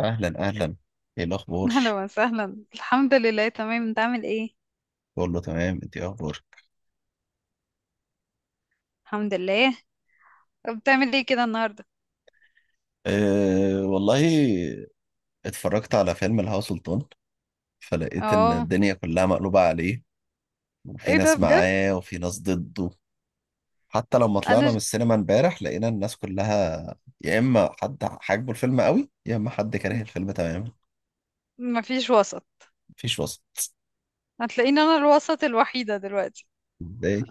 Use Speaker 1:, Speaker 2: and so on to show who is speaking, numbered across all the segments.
Speaker 1: اهلا اهلا. ايه الاخبار؟
Speaker 2: اهلا وسهلا. الحمد لله، تمام. انت عامل ايه؟
Speaker 1: كله تمام، انت ايه اخبارك؟
Speaker 2: الحمد لله. بتعمل ايه كده النهارده؟
Speaker 1: أه والله، اتفرجت على فيلم الهوا سلطان، فلقيت ان
Speaker 2: اه.
Speaker 1: الدنيا كلها مقلوبة عليه. وفي
Speaker 2: ايه ده
Speaker 1: ناس
Speaker 2: بجد؟
Speaker 1: معاه وفي ناس ضده. حتى لما
Speaker 2: انا
Speaker 1: طلعنا من
Speaker 2: ج...
Speaker 1: السينما امبارح لقينا الناس كلها، يا اما حد حاجبه الفيلم قوي يا اما حد كاره الفيلم تماما.
Speaker 2: مفيش وسط.
Speaker 1: مفيش وسط.
Speaker 2: هتلاقيني انا الوسط الوحيده دلوقتي.
Speaker 1: ازاي؟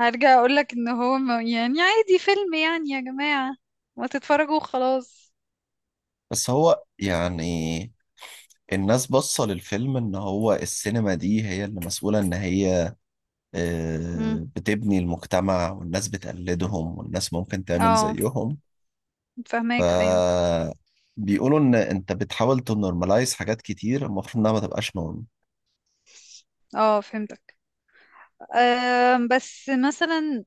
Speaker 2: هرجع اقول لك ان هو ما... يعني عادي، فيلم يعني يا جماعه، ما تتفرجوا وخلاص.
Speaker 1: بس هو يعني الناس باصة للفيلم ان هو السينما دي هي اللي مسؤولة ان هي
Speaker 2: امم.
Speaker 1: بتبني المجتمع، والناس بتقلدهم والناس ممكن تعمل
Speaker 2: اه
Speaker 1: زيهم.
Speaker 2: فهماك، ايوه.
Speaker 1: فبيقولوا إن أنت بتحاول تنورماليز حاجات كتير المفروض إنها ما تبقاش نورم.
Speaker 2: اه فهمتك. بس مثلا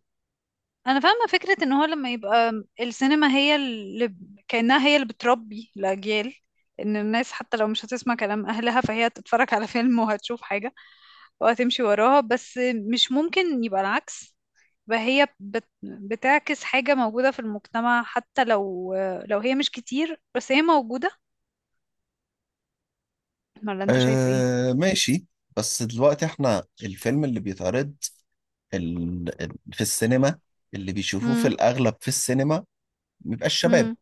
Speaker 2: انا فاهمه فكره ان هو لما يبقى السينما هي اللي كانها هي اللي بتربي الاجيال، ان الناس حتى لو مش هتسمع كلام اهلها فهي هتتفرج على فيلم وهتشوف حاجه وهتمشي وراها. بس مش ممكن يبقى العكس؟ بقى هي بتعكس حاجه موجوده في المجتمع، حتى لو هي مش كتير بس هي موجوده. ولا انت شايف ايه؟
Speaker 1: ماشي. بس دلوقتي إحنا الفيلم اللي بيتعرض في السينما، اللي بيشوفوه في
Speaker 2: امم.
Speaker 1: الأغلب في السينما بيبقى الشباب.
Speaker 2: امم.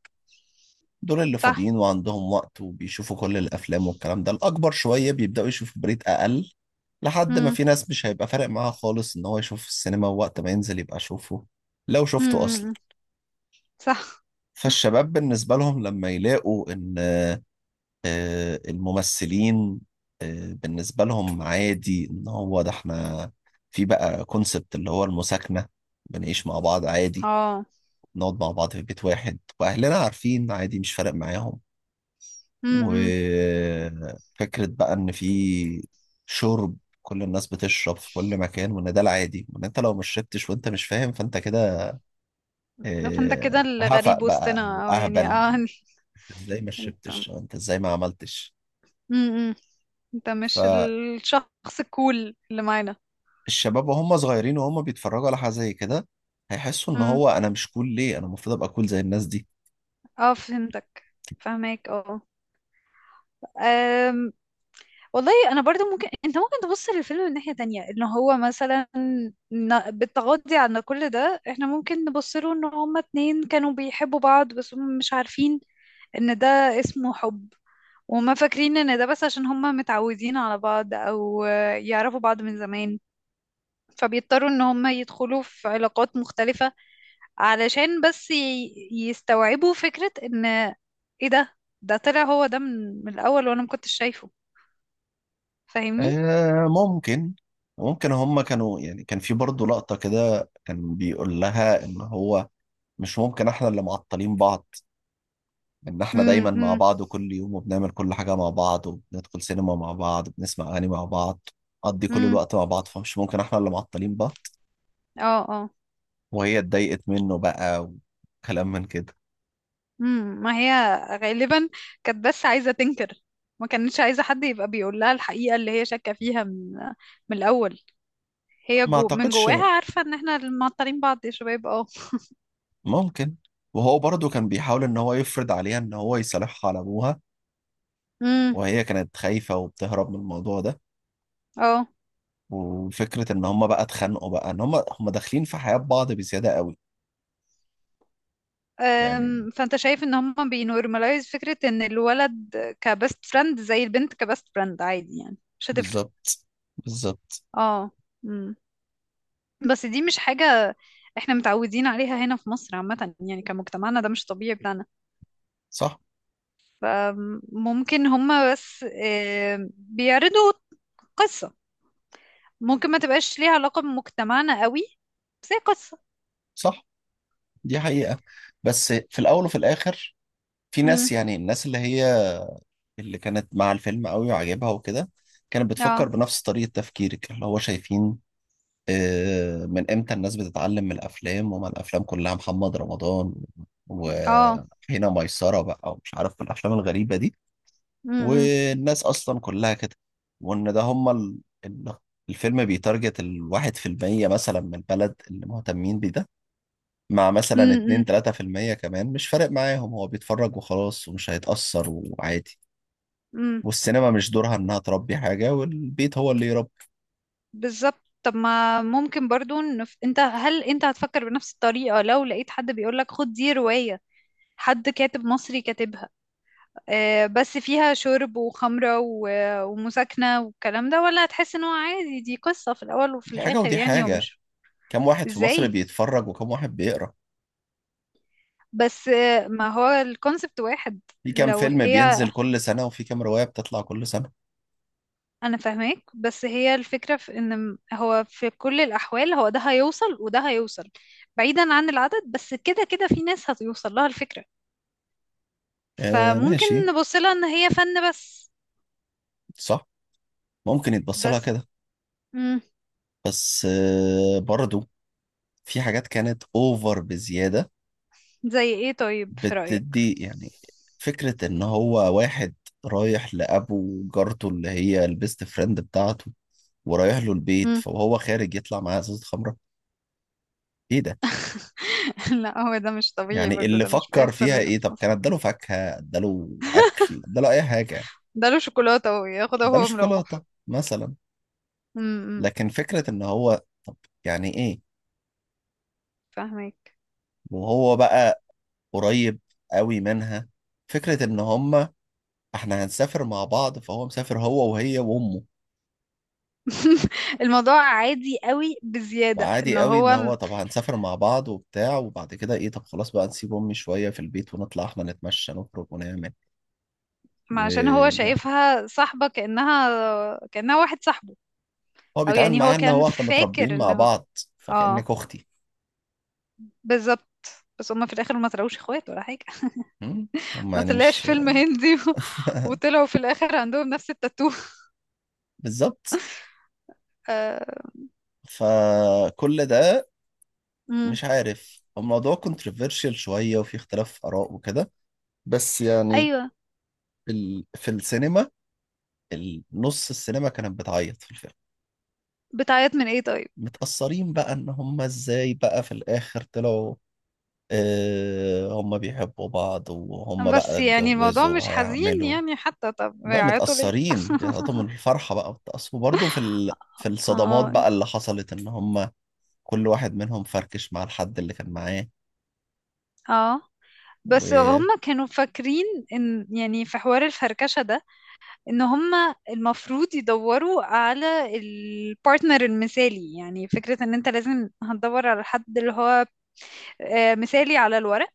Speaker 1: دول اللي
Speaker 2: صح.
Speaker 1: فاضيين وعندهم وقت وبيشوفوا كل الأفلام، والكلام ده الأكبر شوية بيبدأوا يشوفوا بريد أقل. لحد ما
Speaker 2: امم.
Speaker 1: في ناس مش هيبقى فارق معاها خالص إن هو يشوف السينما، ووقت ما ينزل يبقى شوفه لو شفته أصلا.
Speaker 2: امم. صح.
Speaker 1: فالشباب بالنسبة لهم لما يلاقوا إن الممثلين بالنسبة لهم عادي، إن هو ده إحنا. في بقى كونسبت اللي هو المساكنة، بنعيش مع بعض عادي،
Speaker 2: اه.
Speaker 1: نقعد مع بعض في بيت واحد وأهلنا عارفين عادي مش فارق معاهم.
Speaker 2: امم.
Speaker 1: وفكرة بقى إن في شرب، كل الناس بتشرب في كل مكان وإن ده العادي، وإن أنت لو مش شربتش وأنت مش فاهم فأنت كده
Speaker 2: ده فانت كده
Speaker 1: هفق
Speaker 2: الغريب
Speaker 1: بقى أو
Speaker 2: وسطنا، او
Speaker 1: أهبل.
Speaker 2: يعني اه.
Speaker 1: أنت إزاي ما
Speaker 2: انت.
Speaker 1: شربتش، أو أنت إزاي ما عملتش.
Speaker 2: امم. انت مش
Speaker 1: فالشباب
Speaker 2: الشخص الكول اللي معانا.
Speaker 1: وهم صغيرين وهم بيتفرجوا على حاجة زي كده، هيحسوا إن
Speaker 2: امم.
Speaker 1: هو أنا مش كول ليه، أنا المفروض أبقى كول زي الناس دي.
Speaker 2: اه فهمتك. فهمك اه. أم... والله انا برضو، ممكن انت ممكن تبص للفيلم من ناحية تانية، ان هو مثلا بالتغاضي عن كل ده احنا ممكن نبص له ان هما اتنين كانوا بيحبوا بعض بس هم مش عارفين ان ده اسمه حب، وما فاكرين ان ده بس عشان هم متعودين على بعض او يعرفوا بعض من زمان، فبيضطروا ان هم يدخلوا في علاقات مختلفة علشان بس يستوعبوا فكرة ان ايه ده طلع هو ده من الاول وانا ما كنتش شايفه. فاهمني؟
Speaker 1: ممكن. ممكن هم كانوا يعني، كان في برضه لقطة كده كان بيقول لها إن هو مش ممكن احنا اللي معطلين بعض، ان احنا
Speaker 2: امم.
Speaker 1: دايما مع
Speaker 2: امم.
Speaker 1: بعض كل يوم وبنعمل كل حاجة مع بعض وبندخل سينما مع بعض وبنسمع اغاني مع بعض، نقضي كل
Speaker 2: امم.
Speaker 1: الوقت مع بعض، فمش ممكن احنا اللي معطلين بعض.
Speaker 2: اه. اه.
Speaker 1: وهي اتضايقت منه بقى وكلام من كده.
Speaker 2: امم. ما هي غالبا كانت بس عايزة تنكر، ما كانتش عايزة حد يبقى بيقول لها الحقيقة اللي هي شاكة فيها من الاول. هي
Speaker 1: ما
Speaker 2: جو من
Speaker 1: اعتقدش.
Speaker 2: جواها عارفة ان احنا معطلين بعض يا شباب. اه.
Speaker 1: ممكن. وهو برضه كان بيحاول ان هو يفرض عليها ان هو يصالحها على ابوها،
Speaker 2: امم.
Speaker 1: وهي كانت خايفة وبتهرب من الموضوع ده.
Speaker 2: اه.
Speaker 1: وفكرة ان هما بقى اتخانقوا بقى ان هما داخلين في حياة بعض بزيادة قوي يعني.
Speaker 2: فانت شايف ان هم بينورماليز فكرة ان الولد كبست فريند زي البنت كبست فريند عادي، يعني مش هتفرق.
Speaker 1: بالظبط، بالظبط.
Speaker 2: اه. مم. بس دي مش حاجة احنا متعودين عليها هنا في مصر عامة، يعني كمجتمعنا ده مش طبيعي بتاعنا.
Speaker 1: صح.
Speaker 2: ممكن هم بس بيعرضوا قصة ممكن ما تبقاش ليها علاقة بمجتمعنا قوي، بس هي قصة.
Speaker 1: صح، دي حقيقة. بس في الأول وفي الآخر، في
Speaker 2: مم.
Speaker 1: ناس يعني، الناس اللي هي اللي كانت مع الفيلم قوي وعجبها وكده، كانت
Speaker 2: اه.
Speaker 1: بتفكر بنفس طريقة تفكيرك، اللي هو شايفين من إمتى الناس بتتعلم من الأفلام، وما الأفلام كلها محمد رمضان وهنا
Speaker 2: اه.
Speaker 1: ميسرة بقى، ومش عارف الأفلام الغريبة دي،
Speaker 2: مم.
Speaker 1: والناس أصلا كلها كده. وإن ده هما ال- الفيلم بيتارجت الواحد في المية مثلا من البلد اللي مهتمين، مع مثلا
Speaker 2: مم.
Speaker 1: 2
Speaker 2: مم.
Speaker 1: 3% كمان مش فارق معاهم، هو بيتفرج وخلاص ومش هيتأثر وعادي.
Speaker 2: مم.
Speaker 1: والسينما مش دورها انها تربي حاجة، والبيت هو اللي يربي.
Speaker 2: بالظبط. طب ما ممكن برضو نف... هل انت هتفكر بنفس الطريقة لو لقيت حد بيقولك خد دي رواية، حد كاتب مصري كاتبها؟ آه بس فيها شرب وخمرة ومساكنة والكلام ده، ولا هتحس ان هو عادي، دي قصة في الأول وفي
Speaker 1: دي حاجة
Speaker 2: الآخر،
Speaker 1: ودي
Speaker 2: يعني هو
Speaker 1: حاجة.
Speaker 2: مش.
Speaker 1: كم واحد في مصر
Speaker 2: ازاي؟
Speaker 1: بيتفرج وكم واحد بيقرأ؟
Speaker 2: بس آه، ما هو الكونسبت واحد.
Speaker 1: في كم
Speaker 2: لو
Speaker 1: فيلم
Speaker 2: هي.
Speaker 1: بينزل كل سنة وفي كم رواية بتطلع كل سنة؟
Speaker 2: انا فاهماك بس هي الفكرة في ان هو في كل الأحوال هو ده هيوصل وده هيوصل، بعيدا عن العدد. بس كده كده في ناس هتوصل لها الفكرة،
Speaker 1: آه
Speaker 2: فممكن
Speaker 1: ماشي.
Speaker 2: نبص لها ان هي فن بس.
Speaker 1: صح، ممكن يتبص لها
Speaker 2: بس.
Speaker 1: كده.
Speaker 2: مم.
Speaker 1: بس آه برضو، في حاجات كانت اوفر بزيادة.
Speaker 2: زي ايه طيب في رأيك؟
Speaker 1: بتدي يعني فكرة إن هو واحد رايح لأبو، وجارته اللي هي البيست فريند بتاعته، ورايح له البيت
Speaker 2: مم.
Speaker 1: فهو خارج يطلع معاه إزازة خمرة. إيه ده؟
Speaker 2: لا هو ده مش طبيعي
Speaker 1: يعني
Speaker 2: برضه،
Speaker 1: اللي
Speaker 2: ده مش
Speaker 1: فكر
Speaker 2: بيحصل
Speaker 1: فيها
Speaker 2: هنا
Speaker 1: إيه؟
Speaker 2: في
Speaker 1: طب كان
Speaker 2: مصر.
Speaker 1: إداله فاكهة، إداله أكل، إداله أي حاجة يعني.
Speaker 2: ده له شوكولاتة اهو ياخدها
Speaker 1: إداله
Speaker 2: وهو مروح.
Speaker 1: شوكولاتة مثلا.
Speaker 2: امم.
Speaker 1: لكن فكرة إن هو، طب يعني إيه؟
Speaker 2: فاهمك.
Speaker 1: وهو بقى قريب قوي منها. فكرة إن هما إحنا هنسافر مع بعض، فهو مسافر هو وهي وأمه.
Speaker 2: الموضوع عادي قوي بزيادة، ان
Speaker 1: وعادي قوي ان هو طب هنسافر مع بعض وبتاع، وبعد كده ايه طب خلاص بقى نسيب امي شويه في البيت ونطلع احنا نتمشى نخرج ونعمل
Speaker 2: عشان هو
Speaker 1: ون...
Speaker 2: شايفها صاحبة، كأنها واحد صاحبه.
Speaker 1: هو
Speaker 2: او
Speaker 1: بيتعامل
Speaker 2: يعني هو
Speaker 1: معاها ان
Speaker 2: كان
Speaker 1: هو احنا متربيين
Speaker 2: فاكر ان
Speaker 1: مع
Speaker 2: هو.
Speaker 1: بعض،
Speaker 2: اه،
Speaker 1: فكأنك اختي.
Speaker 2: بالظبط. بس هما في الاخر ما طلعوش اخوات ولا حاجة.
Speaker 1: هم هم
Speaker 2: ما
Speaker 1: يعني
Speaker 2: طلعش
Speaker 1: مش
Speaker 2: فيلم هندي وطلعوا في الاخر عندهم نفس التاتو.
Speaker 1: بالظبط.
Speaker 2: آه...
Speaker 1: فكل ده
Speaker 2: مم.
Speaker 1: مش عارف، الموضوع كونتروفيرشيال شويه وفي اختلاف اراء وكده. بس يعني
Speaker 2: ايوه.
Speaker 1: ال... في السينما، نص السينما كانت بتعيط في الفيلم.
Speaker 2: بتعيط من ايه طيب؟
Speaker 1: متأثرين بقى ان هم ازاي بقى في الاخر طلعوا هم بيحبوا بعض وهم بقى
Speaker 2: بس يعني الموضوع
Speaker 1: اتجوزوا
Speaker 2: مش حزين،
Speaker 1: وهيعملوا.
Speaker 2: يعني حتى طب
Speaker 1: بقى
Speaker 2: بيعيطوا ليه؟
Speaker 1: متأثرين، بيعطيهم الفرحة بقى بتأثر، وبرضه في ال... في الصدمات
Speaker 2: اه.
Speaker 1: بقى اللي حصلت، ان هم كل واحد منهم فركش مع الحد اللي كان معاه.
Speaker 2: اه. بس هم
Speaker 1: و
Speaker 2: كانوا فاكرين ان يعني في حوار الفركشة ده، ان هم المفروض يدوروا على البارتنر المثالي، يعني فكرة ان انت لازم هتدور على حد اللي هو آه، مثالي على الورق.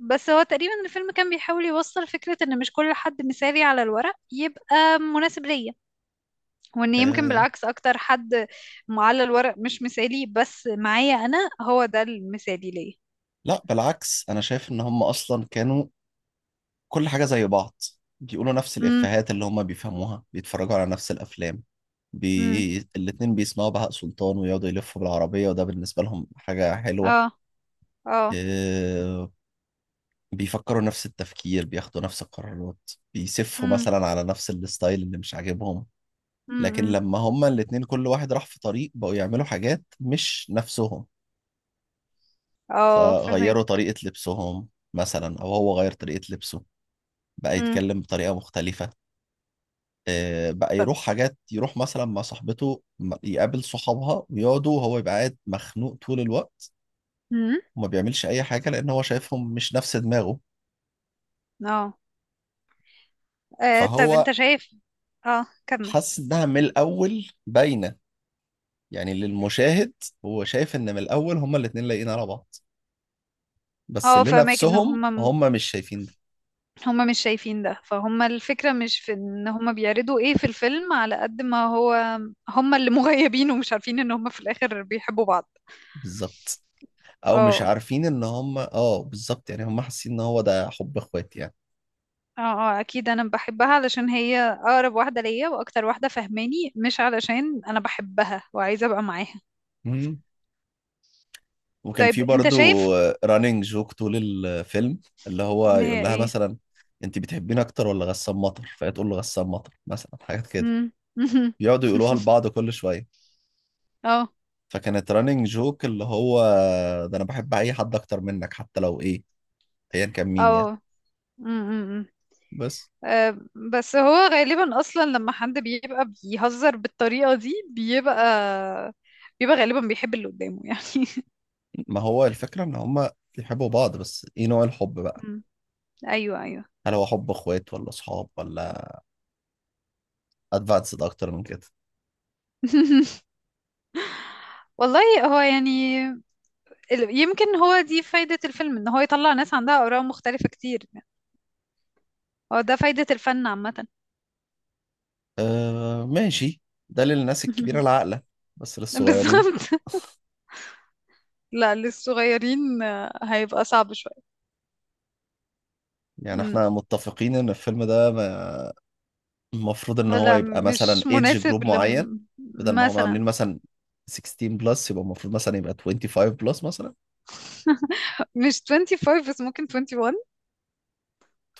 Speaker 2: بس هو تقريبا الفيلم كان بيحاول يوصل فكرة ان مش كل حد مثالي على الورق يبقى مناسب ليا، وان يمكن
Speaker 1: آه،
Speaker 2: بالعكس اكتر حد على الورق مش مثالي بس معايا انا هو ده المثالي ليا.
Speaker 1: لا بالعكس، انا شايف ان هم اصلا كانوا كل حاجة زي بعض، بيقولوا نفس
Speaker 2: امم.
Speaker 1: الإفيهات اللي هم بيفهموها، بيتفرجوا على نفس الأفلام،
Speaker 2: امم.
Speaker 1: الاتنين بيسمعوا بهاء سلطان ويقعدوا يلفوا بالعربية، وده بالنسبة لهم حاجة
Speaker 2: اه.
Speaker 1: حلوة.
Speaker 2: اه.
Speaker 1: آه، بيفكروا نفس التفكير، بياخدوا نفس القرارات، بيسفوا
Speaker 2: امم.
Speaker 1: مثلا على نفس الستايل اللي مش عاجبهم. لكن
Speaker 2: امم.
Speaker 1: لما هما الاتنين كل واحد راح في طريق، بقوا يعملوا حاجات مش نفسهم.
Speaker 2: اه
Speaker 1: فغيروا
Speaker 2: فهمك.
Speaker 1: طريقة لبسهم مثلا، أو هو غير طريقة لبسه، بقى
Speaker 2: امم.
Speaker 1: يتكلم بطريقة مختلفة، بقى
Speaker 2: طب.
Speaker 1: يروح حاجات، يروح مثلا مع صاحبته يقابل صحابها ويقعدوا وهو يبقى قاعد مخنوق طول الوقت،
Speaker 2: امم.
Speaker 1: وما بيعملش أي حاجة لأن هو شايفهم مش نفس دماغه.
Speaker 2: اه. آه، طب
Speaker 1: فهو
Speaker 2: انت شايف. اه كمل.
Speaker 1: حس إنها من الأول باينة، يعني للمشاهد. هو شايف ان من الاول هما الاتنين لايقين على بعض، بس
Speaker 2: اه
Speaker 1: اللي
Speaker 2: فهمك ان
Speaker 1: نفسهم
Speaker 2: هم،
Speaker 1: هما مش شايفين ده.
Speaker 2: هما مش شايفين ده. فهما الفكرة مش في ان هما بيعرضوا ايه في الفيلم على قد ما هو هما اللي مغيبين ومش عارفين ان هما في الاخر بيحبوا بعض.
Speaker 1: بالظبط، او مش
Speaker 2: اه.
Speaker 1: عارفين ان هما اه بالظبط يعني، هما حاسين ان هو ده حب اخوات يعني.
Speaker 2: اه. اه اكيد انا بحبها علشان هي اقرب واحدة ليا واكتر واحدة فهماني، مش علشان انا بحبها وعايزة ابقى معاها.
Speaker 1: مم. وكان
Speaker 2: طيب
Speaker 1: في
Speaker 2: انت
Speaker 1: برضو
Speaker 2: شايف
Speaker 1: رانينج جوك طول الفيلم، اللي هو
Speaker 2: ان هي
Speaker 1: يقول لها
Speaker 2: ايه.
Speaker 1: مثلا انت بتحبيني اكتر ولا غسان مطر، فهي تقول له غسان مطر مثلا، حاجات كده
Speaker 2: امم.
Speaker 1: بيقعدوا يقولوها لبعض كل شويه.
Speaker 2: اه.
Speaker 1: فكانت رانينج جوك اللي هو ده، انا بحب اي حد اكتر منك حتى لو ايه، ايا كان مين يعني.
Speaker 2: اه.
Speaker 1: بس
Speaker 2: آه، بس هو غالبا اصلا لما حد بيبقى بيهزر بالطريقه دي، بيبقى غالبا بيحب اللي قدامه يعني.
Speaker 1: ما هو الفكرة إن هما بيحبوا بعض، بس إيه نوع الحب بقى؟
Speaker 2: مم. ايوه ايوه.
Speaker 1: هل هو حب إخوات ولا أصحاب، ولا أدفانسد أكتر من كده؟
Speaker 2: والله. هو يعني يمكن هو دي فايده الفيلم، ان هو يطلع ناس عندها اراء مختلفه كتير يعني. هو ده فايده الفن عامه.
Speaker 1: أه ماشي، ده للناس الكبيرة العاقلة. بس للصغيرين،
Speaker 2: بالظبط. لا للصغيرين آه، هيبقى صعب شويه.
Speaker 1: يعني
Speaker 2: مم.
Speaker 1: إحنا متفقين إن الفيلم ده ما- المفروض إن هو
Speaker 2: لا
Speaker 1: يبقى مثلا
Speaker 2: مش
Speaker 1: إيدج جروب
Speaker 2: مناسب
Speaker 1: معين.
Speaker 2: لم...
Speaker 1: بدل ما هم عاملين
Speaker 2: مثلا.
Speaker 1: مثلا 16 بلس، يبقى المفروض مثلا يبقى 25 بلس مثلا.
Speaker 2: مش 25 بس ممكن 21.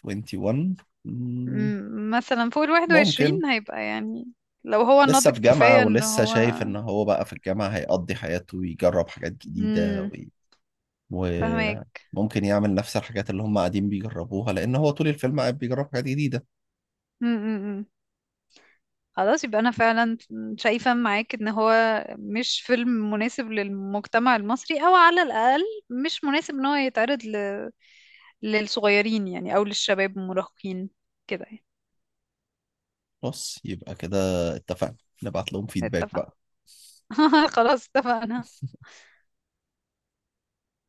Speaker 1: 21. مم،
Speaker 2: مثلا فوق الواحد
Speaker 1: ممكن.
Speaker 2: وعشرين هيبقى يعني لو هو
Speaker 1: لسه
Speaker 2: ناضج
Speaker 1: في جامعة
Speaker 2: كفاية ان
Speaker 1: ولسه
Speaker 2: هو.
Speaker 1: شايف إن هو بقى في الجامعة هيقضي حياته ويجرب حاجات جديدة،
Speaker 2: امم. فهمك.
Speaker 1: وممكن يعمل نفس الحاجات اللي هم قاعدين بيجربوها، لأن هو طول الفيلم قاعد بيجرب حاجات جديدة.
Speaker 2: امم. خلاص يبقى انا فعلا شايفة معاك ان هو مش فيلم مناسب للمجتمع المصري، او على الاقل مش مناسب ان هو يتعرض للصغيرين يعني او للشباب المراهقين كده يعني.
Speaker 1: بس يبقى كده اتفقنا، نبعت لهم فيدباك
Speaker 2: اتفقنا.
Speaker 1: بقى.
Speaker 2: خلاص اتفقنا.